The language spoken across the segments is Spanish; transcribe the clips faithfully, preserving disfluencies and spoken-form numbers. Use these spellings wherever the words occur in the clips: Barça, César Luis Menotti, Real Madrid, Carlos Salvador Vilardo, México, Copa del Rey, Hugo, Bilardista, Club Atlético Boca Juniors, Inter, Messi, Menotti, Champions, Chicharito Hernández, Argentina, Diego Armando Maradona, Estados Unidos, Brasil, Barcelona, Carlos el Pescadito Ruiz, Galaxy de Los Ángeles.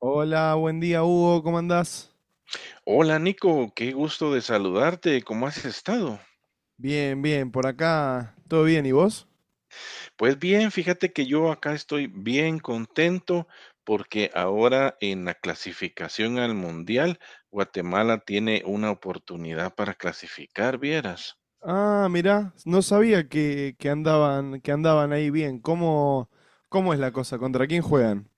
Hola, buen día, Hugo, ¿cómo andás? Hola Nico, qué gusto de saludarte, ¿cómo has estado? Bien, bien, por acá, ¿todo bien? ¿Y vos? Pues bien, fíjate que yo acá estoy bien contento porque ahora en la clasificación al mundial, Guatemala tiene una oportunidad para clasificar, vieras. Ah, mirá, no sabía que, que andaban, que andaban ahí bien. ¿Cómo, cómo es la cosa? ¿Contra quién juegan?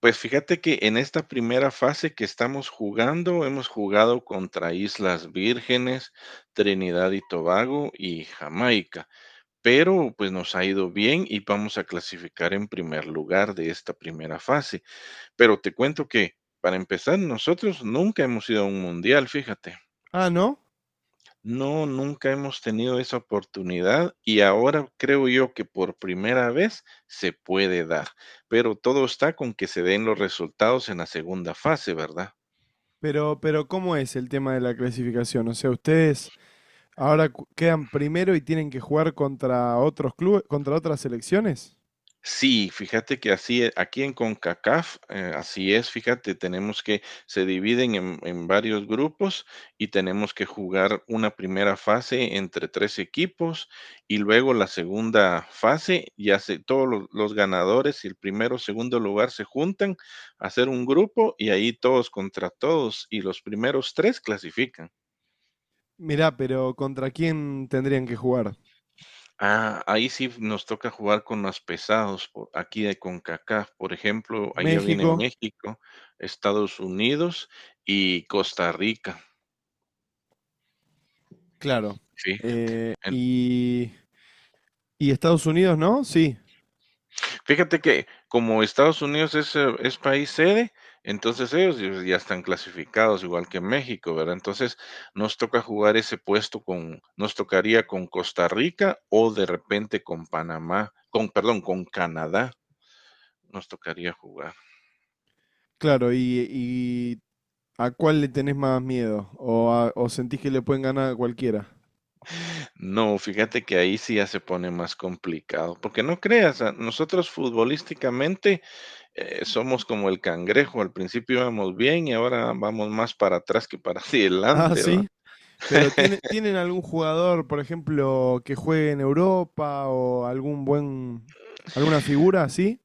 Pues fíjate que en esta primera fase que estamos jugando, hemos jugado contra Islas Vírgenes, Trinidad y Tobago y Jamaica. Pero pues nos ha ido bien y vamos a clasificar en primer lugar de esta primera fase. Pero te cuento que, para empezar, nosotros nunca hemos ido a un mundial, fíjate. Ah, ¿no? No, nunca hemos tenido esa oportunidad y ahora creo yo que por primera vez se puede dar, pero todo está con que se den los resultados en la segunda fase, ¿verdad? Pero, pero ¿cómo es el tema de la clasificación? O sea, ustedes ahora cu- quedan primero y tienen que jugar contra otros clubes, contra otras selecciones. Sí, fíjate que así e aquí en CONCACAF, eh, así es, fíjate, tenemos que se dividen en en varios grupos y tenemos que jugar una primera fase entre tres equipos y luego la segunda fase, ya se todos los los ganadores y el primero, segundo lugar se juntan a hacer un grupo y ahí todos contra todos, y los primeros tres clasifican. Mirá, pero ¿contra quién tendrían que jugar? Ah, ahí sí nos toca jugar con más pesados, po- aquí de CONCACAF, por ejemplo, allá viene México, México, Estados Unidos y Costa Rica. claro. Sí. Eh, en- y, y Estados Unidos, ¿no? Sí. Fíjate que como Estados Unidos es, eh, es país sede, entonces ellos ya ya están clasificados igual que México, ¿verdad? Entonces nos toca jugar ese puesto con, nos tocaría con Costa Rica o de repente con Panamá, con, perdón, con Canadá nos tocaría jugar. Claro, y, y ¿a cuál le tenés más miedo? ¿O, a- o sentís que le pueden ganar a cualquiera? No, fíjate que ahí sí ya se pone más complicado, porque no creas, a- nosotros futbolísticamente eh, somos como el cangrejo, al principio íbamos bien y ahora vamos más para atrás que para Ah, adelante, ¿va? sí. Pero tiene, ¿tienen algún jugador, por ejemplo, que juegue en Europa o algún buen, alguna figura así?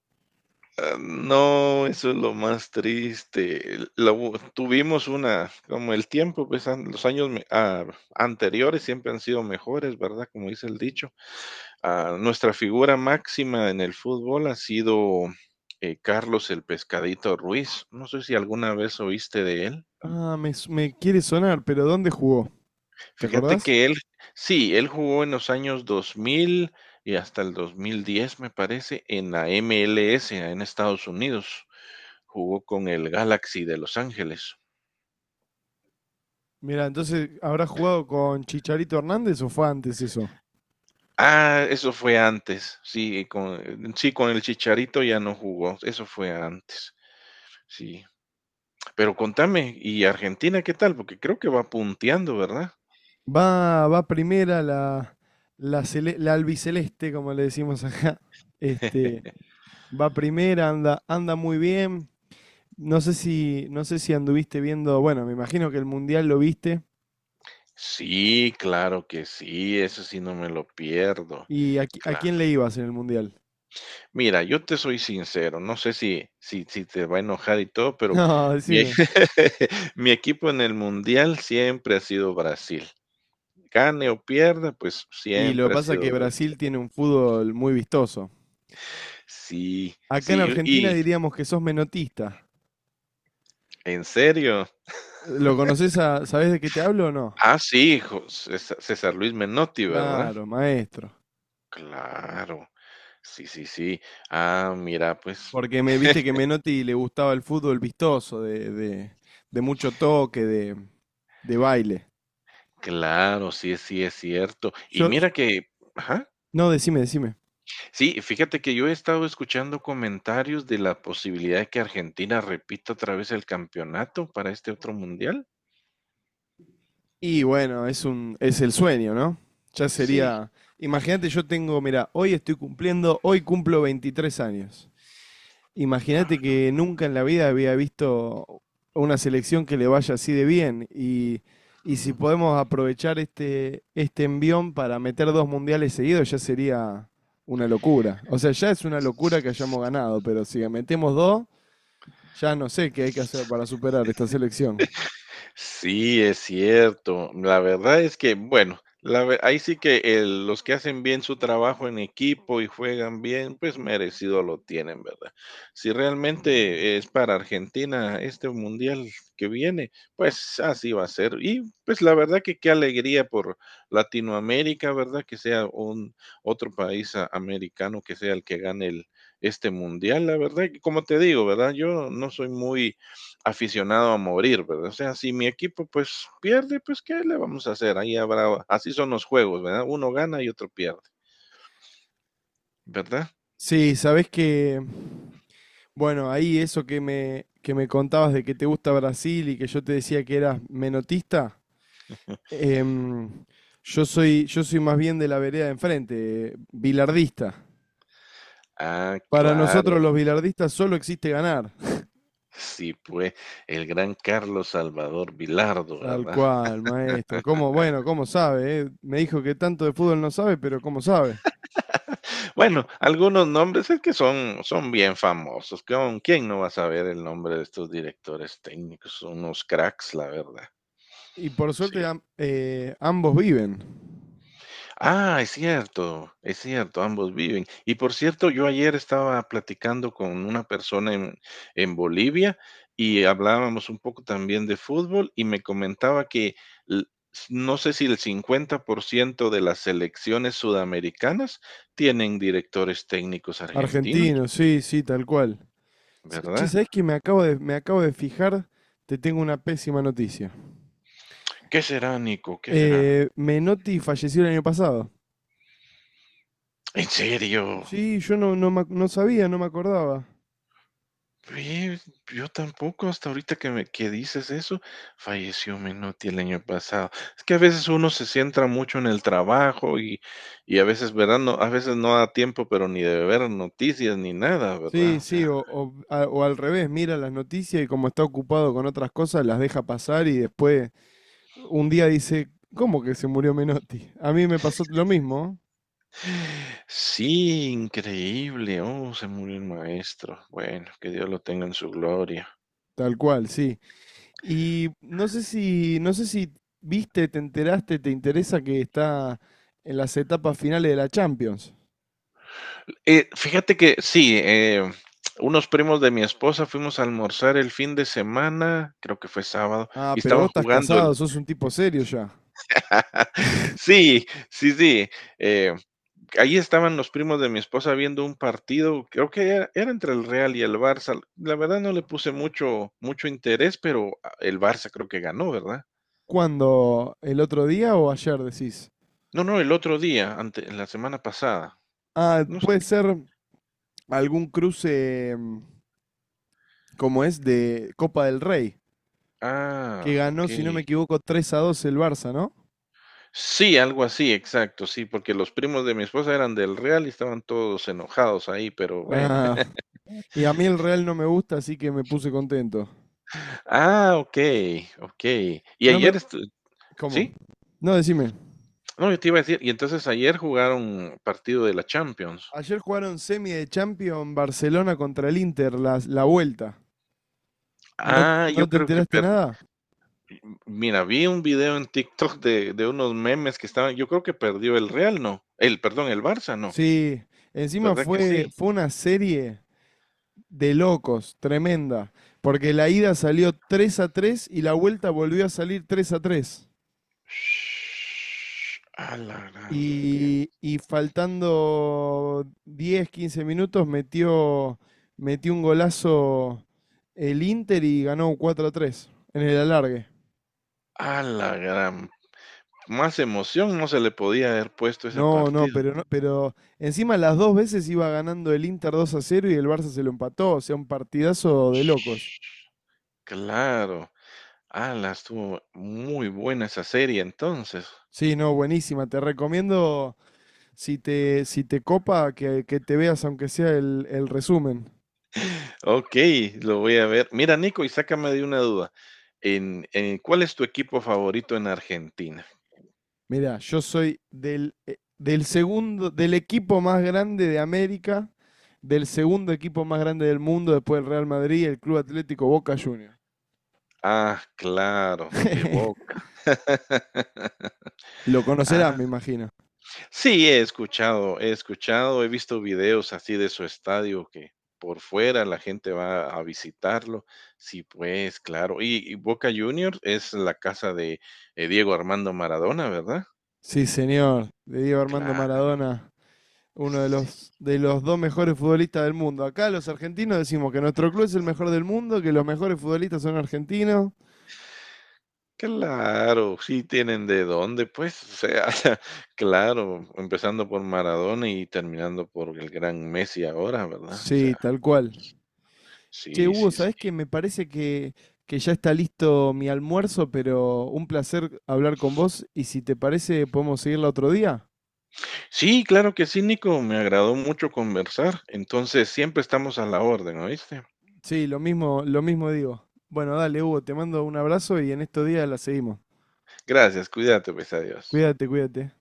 Ah, no, eso es lo más triste. El- la u- tuvimos una, como el tiempo, pues an- los años me- ah, anteriores siempre han sido mejores, ¿verdad? Como dice el dicho. Ah, nuestra figura máxima en el fútbol ha sido eh, Carlos el Pescadito Ruiz. No sé si alguna vez oíste de él. Ah, me, su- me quiere sonar, pero ¿dónde jugó? ¿Te Fíjate acordás? que él, sí, él jugó en los años dos mil y hasta el dos mil diez, me parece, en la M L S en Estados Unidos. Jugó con el Galaxy de Los Ángeles. Mira, entonces, ¿habrá jugado con Chicharito Hernández o fue antes eso? Ah, eso fue antes. Sí, con, sí, con el Chicharito ya no jugó. Eso fue antes. Sí. Pero contame, ¿y Argentina qué tal? Porque creo que va punteando, ¿verdad? Va, va primera la, la, cele- la albiceleste, como le decimos acá. Este, Va primera, anda, anda muy bien. No sé si, no sé si anduviste viendo, bueno, me imagino que el Mundial lo viste. Sí, claro que sí, eso sí no me lo pierdo. ¿Y a, qui- a Claro. quién le ibas en el Mundial? Mira, yo te soy sincero, no sé si si si te va a enojar y todo, pero No, mi decime. mi equipo en el mundial siempre ha sido Brasil. Gane o pierda, pues Y lo que siempre ha pasa es sido que Brasil. Brasil tiene un fútbol muy vistoso. Sí, Acá en sí, Argentina y diríamos que sos menotista. ¿en serio? ¿Lo conoces a, sabés de qué te hablo o no? Ah, sí, jo César César Luis Menotti, ¿verdad? Claro, maestro. Claro. Sí, sí, sí. Ah, mira, pues Porque me viste que Menotti le gustaba el fútbol vistoso, de, de, de mucho toque, de, de baile. claro, sí, sí es cierto. Y Yo, yo- mira que, ajá, no, decime, decime. sí, fíjate que yo he estado escuchando comentarios de la posibilidad de que Argentina repita otra vez el campeonato para este otro mundial. Y bueno, es un, es el sueño, ¿no? Ya Sí. sería. Imagínate, yo tengo, mira, hoy estoy cumpliendo, hoy cumplo veintitrés años. Imagínate que nunca en la vida había visto una selección que le vaya así de bien. Y, y si Ujú. podemos aprovechar este, este envión para meter dos mundiales seguidos, ya sería una locura. O sea, ya es una locura que hayamos ganado, pero si metemos dos, ya no sé qué hay que hacer para superar esta selección. Sí, es cierto. La verdad es que, bueno, la ve- ahí sí que el- los que hacen bien su trabajo en equipo y juegan bien, pues merecido lo tienen, ¿verdad? Si realmente es para Argentina este mundial que viene, pues así va a ser. Y pues la verdad que qué alegría por Latinoamérica, ¿verdad? Que sea un otro país a- americano que sea el que gane el, este mundial, la verdad. Que Como te digo, ¿verdad? Yo no soy muy aficionado a morir, ¿verdad? O sea, si mi equipo pues pierde, pues ¿qué le vamos a hacer? Ahí habrá, así son los juegos, ¿verdad? Uno gana y otro pierde, ¿verdad? Sí, sabés que bueno, ahí eso que me, que me contabas de que te gusta Brasil y que yo te decía que eras menotista, em, yo soy, yo soy más bien de la vereda de enfrente, eh, bilardista. Ah, Para nosotros claro. los bilardistas solo existe ganar. Sí, pues el gran Carlos Salvador Vilardo, Tal ¿verdad? cual, maestro. ¿Cómo? Bueno, ¿cómo sabe, eh? Me dijo que tanto de fútbol no sabe, pero ¿cómo sabe? Bueno, algunos nombres es que son, son bien famosos. ¿Con quién no va a saber el nombre de estos directores técnicos? Son unos cracks, la verdad. Y por Sí. suerte am- eh, ambos viven. Ah, es cierto, es cierto, ambos viven. Y por cierto, yo ayer estaba platicando con una persona en, en Bolivia y hablábamos un poco también de fútbol y me comentaba que l- s- no sé si el cincuenta por ciento de las selecciones sudamericanas tienen directores técnicos argentinos, Argentinos, sí, sí, tal cual. Sa- Che, ¿verdad? ¿sabés que me acabo de, me acabo de fijar? Te tengo una pésima noticia. ¿Qué será, Nico? ¿Qué será? Eh, Menotti falleció el año pasado. ¿En serio? Sí, yo no, no, me ac- no sabía, no me acordaba. Oye, yo tampoco, hasta ahorita que me que dices eso, falleció Menotti el año pasado. Es que a veces uno se centra mucho en el trabajo y y a veces, ¿verdad? No, a veces no da tiempo, pero ni de ver noticias ni nada, Sí, ¿verdad? O sí, sea, o, o a- o al revés, mira las noticias y como está ocupado con otras cosas, las deja pasar y después un día dice, ¿cómo que se murió Menotti? A mí me pasó lo mismo, sí, increíble. Oh, se murió el maestro. Bueno, que Dios lo tenga en su gloria. tal cual, sí. Y no sé si, no sé si viste, te enteraste, te interesa que está en las etapas finales de la Champions. Eh, fíjate que sí, eh, unos primos de mi esposa fuimos a almorzar el fin de semana, creo que fue sábado, Ah, y pero vos estaban estás jugando casado, sos un tipo serio ya. sí, sí, sí. Eh, Ahí estaban los primos de mi esposa viendo un partido, creo que era, era entre el Real y el Barça. La verdad no le puse mucho, mucho interés, pero ah, el Barça creo que ganó, ¿verdad? ¿Cuándo? ¿El otro día o ayer decís? No, no, el otro día, ante, la semana pasada. Ah, No sé. puede qué- ser algún cruce mm, como es de Copa del Rey, que Ah, ganó, ok. si no me equivoco, tres a dos el Barça, ¿no? Sí, algo así, exacto, sí, porque los primos de mi esposa eran del Real y estaban todos enojados ahí, pero bueno. Ah, y a mí el Real no me gusta, así que me puse contento. Ah, ok, ok. Y No me... ayer estu- ¿Cómo? ¿Sí? No, decime. No, yo te iba a decir, y entonces ayer jugaron partido de la Champions. Ayer jugaron semi de Champions Barcelona contra el Inter, la, la vuelta. ¿No, Ah, yo no te creo que enteraste per- nada? Mira, vi un video en TikTok de, de unos memes que estaban. Yo creo que perdió el Real, ¿no? El, perdón, el Barça, ¿no? Sí, encima ¿Verdad que fue, sí? fue una serie de locos, tremenda. Porque la ida salió tres a tres y la vuelta volvió a salir tres a tres. Shhh, a la gran, Y, y faltando diez quince minutos metió, metió un golazo el Inter y ganó cuatro a tres en el alargue. a la gran. Más emoción no se le podía haber puesto ese No, no, partido. pero no, ento- pero encima las dos veces iba ganando el Inter dos a cero y el Barça se lo empató, o sea, un partidazo de locos. Shhh, claro. Ala, estuvo muy buena esa serie entonces. Sí, no, buenísima, te recomiendo si te, si te copa, que, que te veas aunque sea el, el resumen. Ok, lo voy a ver. Mira, Nico, y sácame de una duda. En, en- ¿cuál es tu equipo favorito en Argentina? Mirá, yo soy del, eh, del segundo, del equipo más grande de América, del segundo equipo más grande del mundo después del Real Madrid, el Club Atlético Boca Juniors. Ah, claro, de Boca. Lo conocerás, Ah, me imagino. sí, he escuchado, he escuchado, he visto videos así de su estadio que por fuera la gente va a visitarlo. Sí, pues, claro. Y, y Boca Juniors es la casa de eh, Diego Armando Maradona, ¿verdad? Sí, señor, de Diego Armando Claro, Maradona, uno de sí. los, de los dos mejores futbolistas del mundo. Acá los argentinos decimos que nuestro club es el mejor del mundo, que los mejores futbolistas son argentinos. Claro, sí tienen de dónde, pues, o sea, claro, empezando por Maradona y terminando por el gran Messi ahora, ¿verdad? O Sí, sea, tal cual. Che, sí, Hugo, sí, sí. ¿sabés que me parece que, que ya está listo mi almuerzo, pero un placer hablar con vos y si te parece podemos seguirla otro día? Sí, claro que sí, Nico, me agradó mucho conversar. Entonces, siempre estamos a la orden, ¿oíste? Sí, lo mismo, lo mismo digo. Bueno, dale, Hugo, te mando un abrazo y en estos días la seguimos. Gracias, cuídate, pues, adiós. Cuídate, cuídate.